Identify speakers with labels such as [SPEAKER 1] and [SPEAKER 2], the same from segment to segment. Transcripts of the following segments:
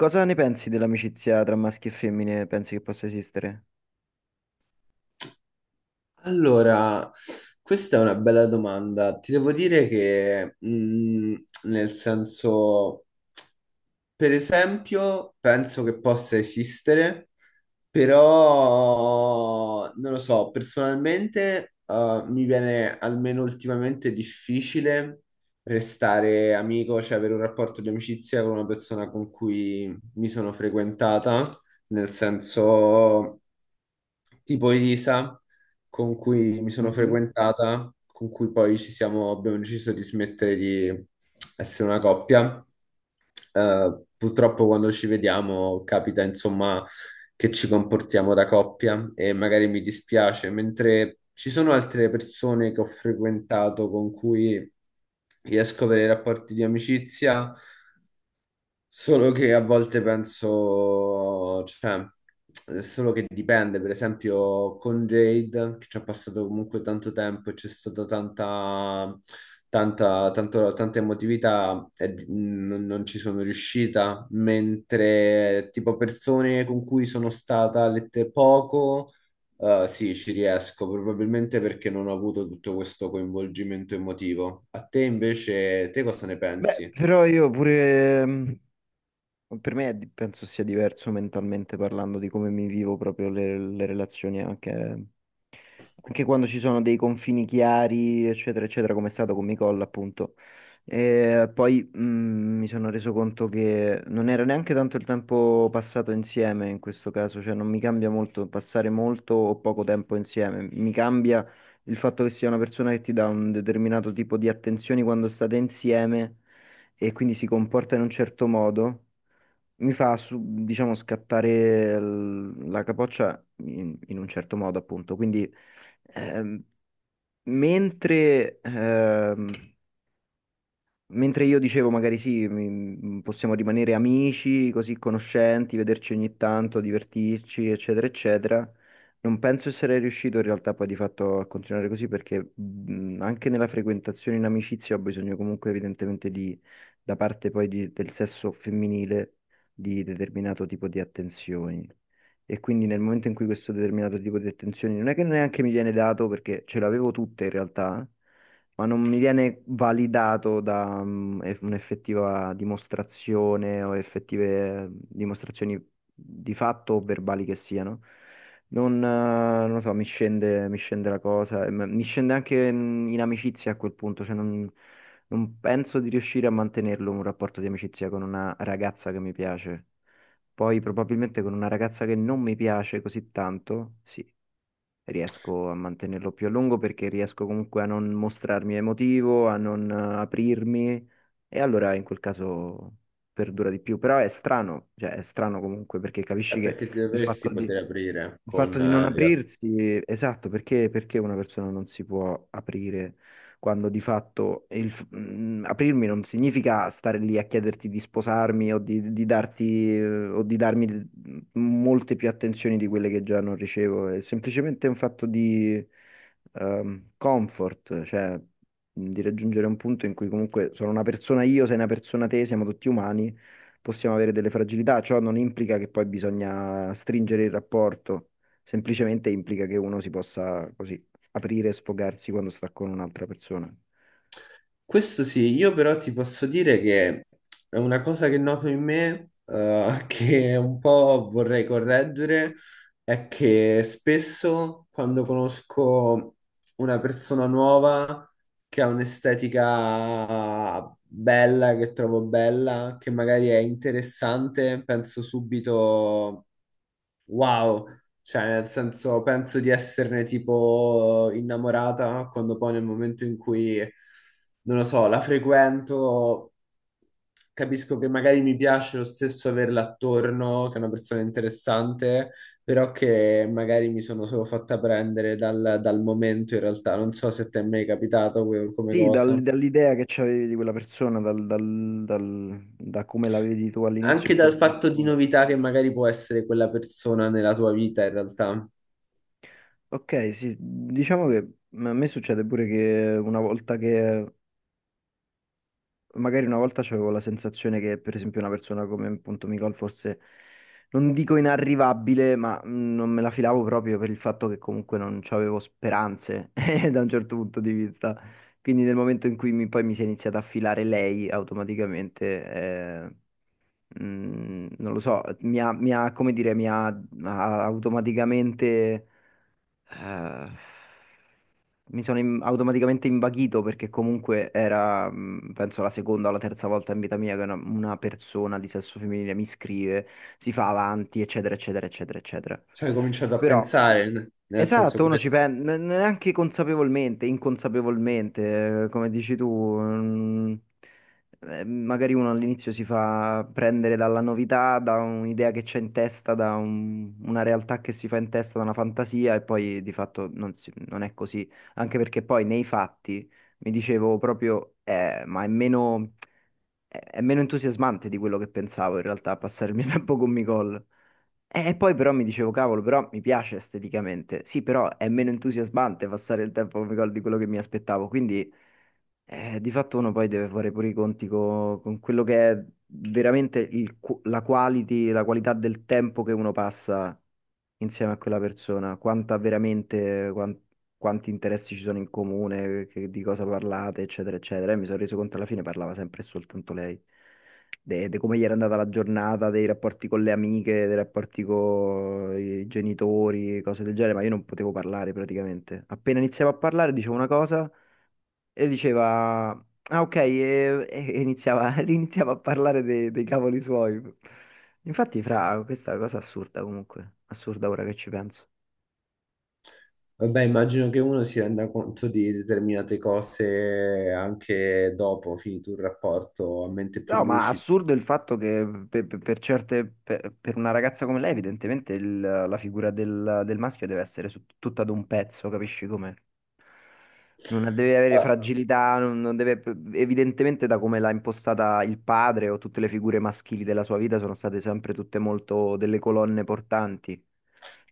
[SPEAKER 1] Cosa ne pensi dell'amicizia tra maschi e femmine? Pensi che possa esistere?
[SPEAKER 2] Allora, questa è una bella domanda. Ti devo dire che, nel senso, per esempio, penso che possa esistere. Però non lo so, personalmente mi viene almeno ultimamente difficile restare amico, cioè avere un rapporto di amicizia con una persona con cui mi sono frequentata, nel senso tipo Elisa, con cui mi sono
[SPEAKER 1] Mhm.
[SPEAKER 2] frequentata, con cui poi ci siamo, abbiamo deciso di smettere di essere una coppia. Purtroppo quando ci vediamo capita insomma che ci comportiamo da coppia e magari mi dispiace, mentre ci sono altre persone che ho frequentato con cui riesco a avere rapporti di amicizia. Solo che a volte penso, cioè, è solo che dipende, per esempio con Jade, che ci ha passato comunque tanto tempo e c'è stata tanta emotività e non ci sono riuscita, mentre tipo persone con cui sono stata lette poco, sì, ci riesco, probabilmente perché non ho avuto tutto questo coinvolgimento emotivo. A te invece, te cosa ne
[SPEAKER 1] Beh,
[SPEAKER 2] pensi?
[SPEAKER 1] però io pure, per me penso sia diverso mentalmente parlando di come mi vivo proprio le relazioni anche. Anche quando ci sono dei confini chiari, eccetera, eccetera, come è stato con Micolla, appunto. E poi mi sono reso conto che non era neanche tanto il tempo passato insieme in questo caso, cioè non mi cambia molto passare molto o poco tempo insieme, mi cambia il fatto che sia una persona che ti dà un determinato tipo di attenzioni quando state insieme e quindi si comporta in un certo modo, mi fa, diciamo, scattare la capoccia in un certo modo, appunto. Quindi, ehm, mentre ehm, Mentre io dicevo, magari sì, possiamo rimanere amici, così conoscenti, vederci ogni tanto, divertirci, eccetera, eccetera. Non penso di essere riuscito in realtà poi di fatto a continuare così, perché anche nella frequentazione in amicizia ho bisogno comunque evidentemente da parte poi del sesso femminile, di determinato tipo di attenzioni. E quindi nel momento in cui questo determinato tipo di attenzioni non è che neanche mi viene dato, perché ce l'avevo tutte in realtà, ma non mi viene validato da un'effettiva dimostrazione o effettive dimostrazioni di fatto o verbali che siano. Non, eh, non lo so, mi scende la cosa, e mi scende anche in amicizia a quel punto, cioè non penso di riuscire a mantenerlo un rapporto di amicizia con una ragazza che mi piace. Poi probabilmente con una ragazza che non mi piace così tanto, sì, riesco a mantenerlo più a lungo perché riesco comunque a non mostrarmi emotivo, a non aprirmi, e allora in quel caso perdura di più. Però è strano, cioè è strano comunque perché
[SPEAKER 2] È
[SPEAKER 1] capisci che
[SPEAKER 2] perché ti
[SPEAKER 1] il
[SPEAKER 2] dovresti
[SPEAKER 1] fatto
[SPEAKER 2] poter
[SPEAKER 1] di...
[SPEAKER 2] aprire
[SPEAKER 1] Il fatto
[SPEAKER 2] con
[SPEAKER 1] di non
[SPEAKER 2] i gas.
[SPEAKER 1] aprirsi, esatto, perché, perché una persona non si può aprire quando di fatto aprirmi non significa stare lì a chiederti di sposarmi o di darti, o di darmi molte più attenzioni di quelle che già non ricevo. È semplicemente un fatto di comfort, cioè di raggiungere un punto in cui comunque sono una persona io, sei una persona te, siamo tutti umani, possiamo avere delle fragilità, ciò non implica che poi bisogna stringere il rapporto. Semplicemente implica che uno si possa così aprire e sfogarsi quando sta con un'altra persona.
[SPEAKER 2] Questo sì, io però ti posso dire che è una cosa che noto in me, che un po' vorrei correggere, è che spesso quando conosco una persona nuova che ha un'estetica bella, che trovo bella, che magari è interessante, penso subito wow, cioè nel senso penso di esserne tipo innamorata, quando poi nel momento in cui, non lo so, la frequento, capisco che magari mi piace lo stesso averla attorno, che è una persona interessante, però che magari mi sono solo fatta prendere dal momento in realtà. Non so se ti è mai capitato come
[SPEAKER 1] Sì,
[SPEAKER 2] cosa.
[SPEAKER 1] dall'idea che c'avevi di quella persona, da come la vedi tu all'inizio.
[SPEAKER 2] Anche dal fatto di novità che magari può essere quella persona nella tua vita in realtà.
[SPEAKER 1] Ok, sì, diciamo che a me succede pure che una volta che magari una volta avevo la sensazione che, per esempio, una persona come appunto Micol fosse, non dico inarrivabile, ma non me la filavo proprio per il fatto che comunque non avevo speranze da un certo punto di vista. Quindi nel momento in cui poi mi si è iniziata a filare lei automaticamente, non lo so, mi ha, come dire, mi ha automaticamente... Eh, mi sono automaticamente imbaghito, perché comunque era, penso, la seconda o la terza volta in vita mia che una persona di sesso femminile mi scrive, si fa avanti, eccetera, eccetera, eccetera, eccetera.
[SPEAKER 2] Cioè, hai cominciato a
[SPEAKER 1] Però
[SPEAKER 2] pensare, nel senso
[SPEAKER 1] esatto, uno ci
[SPEAKER 2] questo.
[SPEAKER 1] pensa neanche consapevolmente, inconsapevolmente, come dici tu. mm, Magari uno all'inizio si fa prendere dalla novità, da un'idea che c'è in testa, da una realtà che si fa in testa, da una fantasia, e poi di fatto non è così, anche perché poi nei fatti mi dicevo proprio, ma è meno entusiasmante di quello che pensavo in realtà passare il mio tempo con Micol. E poi però mi dicevo, cavolo, però mi piace esteticamente. Sì, però è meno entusiasmante passare il tempo come gol di quello che mi aspettavo. Quindi di fatto uno poi deve fare pure i conti con quello che è veramente la quality, la qualità del tempo che uno passa insieme a quella persona, quanti interessi ci sono in comune, di cosa parlate, eccetera, eccetera. E mi sono reso conto, alla fine parlava sempre e soltanto lei, de de come gli era andata la giornata, dei rapporti con le amiche, dei rapporti con i genitori, cose del genere, ma io non potevo parlare praticamente. Appena iniziavo a parlare dicevo una cosa e diceva, ah ok, e iniziava, iniziava a parlare dei cavoli suoi. Infatti, fra, questa è una cosa assurda comunque, assurda ora che ci penso.
[SPEAKER 2] Vabbè, immagino che uno si renda conto di determinate cose anche dopo, finito il rapporto, a mente più
[SPEAKER 1] No, ma
[SPEAKER 2] lucida.
[SPEAKER 1] assurdo il fatto che per una ragazza come lei, evidentemente la figura del maschio deve essere tutta ad un pezzo, capisci come? Non deve avere fragilità, non deve, evidentemente, da come l'ha impostata il padre, o tutte le figure maschili della sua vita sono state sempre tutte molto delle colonne portanti,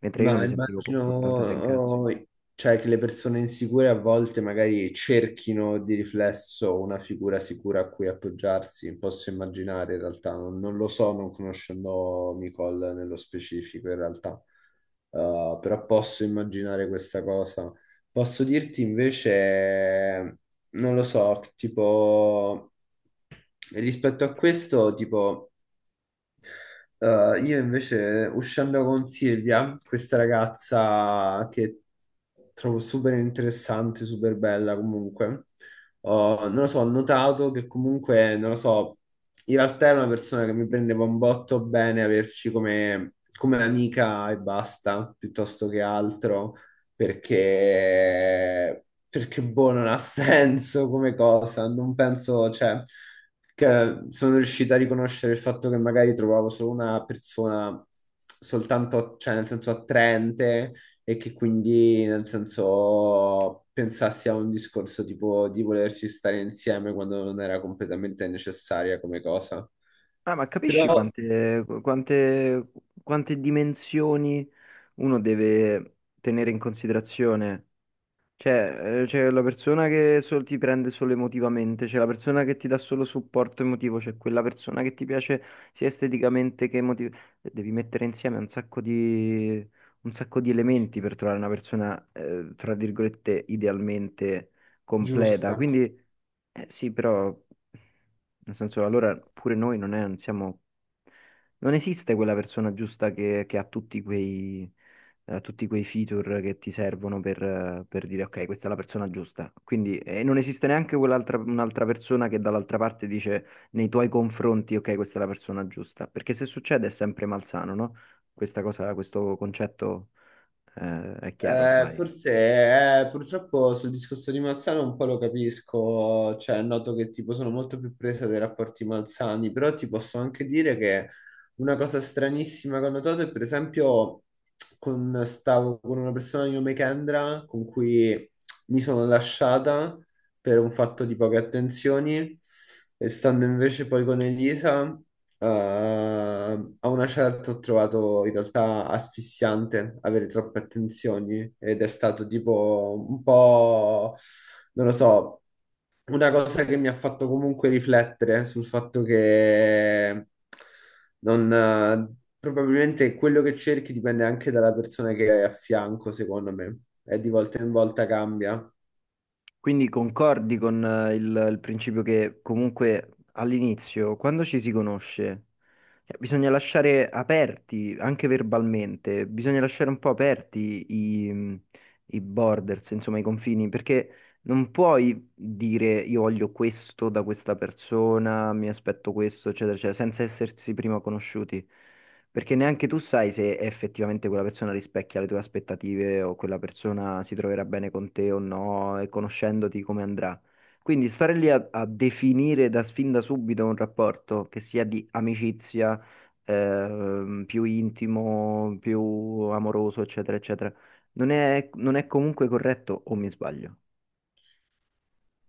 [SPEAKER 1] mentre io non
[SPEAKER 2] Ma
[SPEAKER 1] mi sentivo
[SPEAKER 2] immagino,
[SPEAKER 1] portata da un cazzo.
[SPEAKER 2] oh, cioè, che le persone insicure a volte magari cerchino di riflesso una figura sicura a cui appoggiarsi, posso immaginare in realtà, non lo so, non conoscendo Nicole nello specifico in realtà. Però posso immaginare questa cosa. Posso dirti invece, non lo so, tipo, rispetto a questo, tipo... io invece uscendo con Silvia, questa ragazza che trovo super interessante, super bella comunque, non lo so, ho notato che comunque, non lo so, in realtà è una persona che mi prendeva un botto bene averci come amica e basta, piuttosto che altro, perché boh, non ha senso come cosa, non penso, cioè, che sono riuscito a riconoscere il fatto che magari trovavo solo una persona soltanto, cioè, nel senso attraente, e che quindi, nel senso, pensassi a un discorso tipo di volersi stare insieme quando non era completamente necessaria come cosa.
[SPEAKER 1] Ah, ma capisci
[SPEAKER 2] Però
[SPEAKER 1] quante dimensioni... uno deve tenere in considerazione, cioè c'è la persona che ti prende solo emotivamente, c'è la persona che ti dà solo supporto emotivo, c'è quella persona che ti piace sia esteticamente che emotivamente. Devi mettere insieme un sacco di elementi per trovare una persona, tra virgolette, idealmente completa.
[SPEAKER 2] giusta.
[SPEAKER 1] Quindi sì, però, nel senso, allora pure noi non siamo... Non esiste quella persona giusta che ha tutti quei feature che ti servono per dire ok, questa è la persona giusta. Quindi non esiste neanche quell'altra un'altra persona che dall'altra parte dice nei tuoi confronti, ok, questa è la persona giusta, perché se succede è sempre malsano, no? Questa cosa, questo concetto è chiaro
[SPEAKER 2] Eh,
[SPEAKER 1] ormai.
[SPEAKER 2] forse eh, purtroppo sul discorso di Malzano un po' lo capisco, cioè noto che tipo sono molto più presa dai rapporti malsani, però ti posso anche dire che una cosa stranissima che ho notato è per esempio con, stavo con una persona di nome Kendra con cui mi sono lasciata per un fatto di poche attenzioni, e stando invece poi con Elisa, a una certa ho trovato in realtà asfissiante avere troppe attenzioni ed è stato tipo un po', non lo so, una cosa che mi ha fatto comunque riflettere sul fatto che non... probabilmente quello che cerchi dipende anche dalla persona che hai a fianco, secondo me, e di volta in volta cambia.
[SPEAKER 1] Quindi concordi con il principio che comunque all'inizio, quando ci si conosce, cioè, bisogna lasciare aperti, anche verbalmente, bisogna lasciare un po' aperti i borders, insomma, i confini, perché non puoi dire io voglio questo da questa persona, mi aspetto questo, eccetera, eccetera, senza essersi prima conosciuti. Perché neanche tu sai se effettivamente quella persona rispecchia le tue aspettative o quella persona si troverà bene con te o no, e conoscendoti come andrà. Quindi stare lì a definire da fin da subito un rapporto, che sia di amicizia, più intimo, più amoroso, eccetera, eccetera. Non è comunque corretto, o mi sbaglio?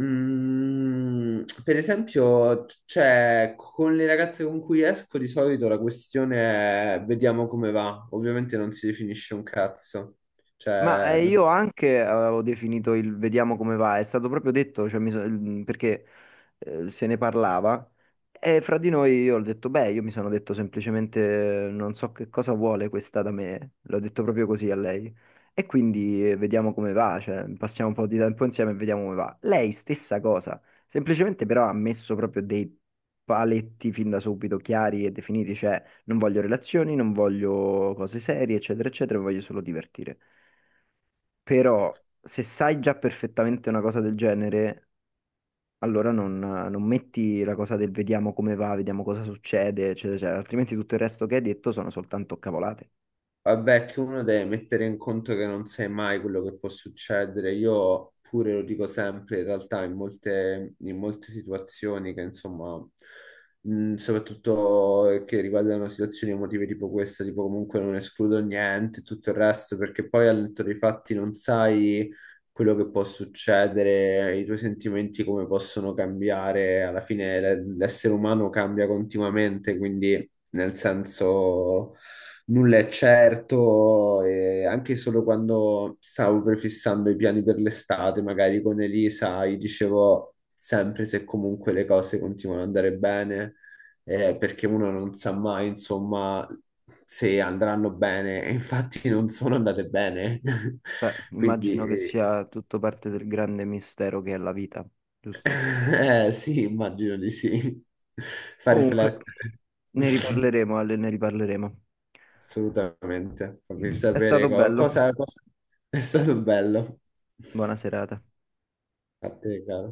[SPEAKER 2] Mm, per esempio, cioè, con le ragazze con cui esco di solito la questione è vediamo come va. Ovviamente non si definisce un cazzo.
[SPEAKER 1] Ma
[SPEAKER 2] Cioè,
[SPEAKER 1] io anche avevo definito il vediamo come va, è stato proprio detto, cioè, perché se ne parlava, e fra di noi io ho detto, beh, io mi sono detto semplicemente non so che cosa vuole questa da me, l'ho detto proprio così a lei, e quindi vediamo come va, cioè, passiamo un po' di tempo insieme e vediamo come va. Lei stessa cosa, semplicemente però ha messo proprio dei paletti fin da subito chiari e definiti, cioè non voglio relazioni, non voglio cose serie, eccetera, eccetera, mi voglio solo divertire. Però, se sai già perfettamente una cosa del genere, allora non metti la cosa del vediamo come va, vediamo cosa succede, eccetera, eccetera, altrimenti tutto il resto che hai detto sono soltanto cavolate.
[SPEAKER 2] vabbè, che uno deve mettere in conto che non sai mai quello che può succedere. Io pure lo dico sempre, in realtà, in molte situazioni che, insomma, soprattutto che riguardano situazioni emotive tipo questa, tipo comunque non escludo niente, tutto il resto, perché poi al netto dei fatti non sai quello che può succedere, i tuoi sentimenti come possono cambiare. Alla fine l'essere umano cambia continuamente, quindi nel senso nulla è certo, e anche solo quando stavo prefissando i piani per l'estate, magari con Elisa, gli dicevo sempre se comunque le cose continuano ad andare bene, perché uno non sa mai, insomma, se andranno bene, e infatti non sono andate bene.
[SPEAKER 1] Beh,
[SPEAKER 2] Quindi,
[SPEAKER 1] immagino che sia tutto parte del grande mistero che è la vita, giusto?
[SPEAKER 2] sì, immagino di sì. Fa
[SPEAKER 1] Comunque,
[SPEAKER 2] riflettere.
[SPEAKER 1] ne riparleremo, Ale, ne riparleremo.
[SPEAKER 2] Assolutamente, fammi
[SPEAKER 1] È
[SPEAKER 2] sapere
[SPEAKER 1] stato bello.
[SPEAKER 2] cosa, cosa è stato bello.
[SPEAKER 1] Buona serata.
[SPEAKER 2] A te, caro.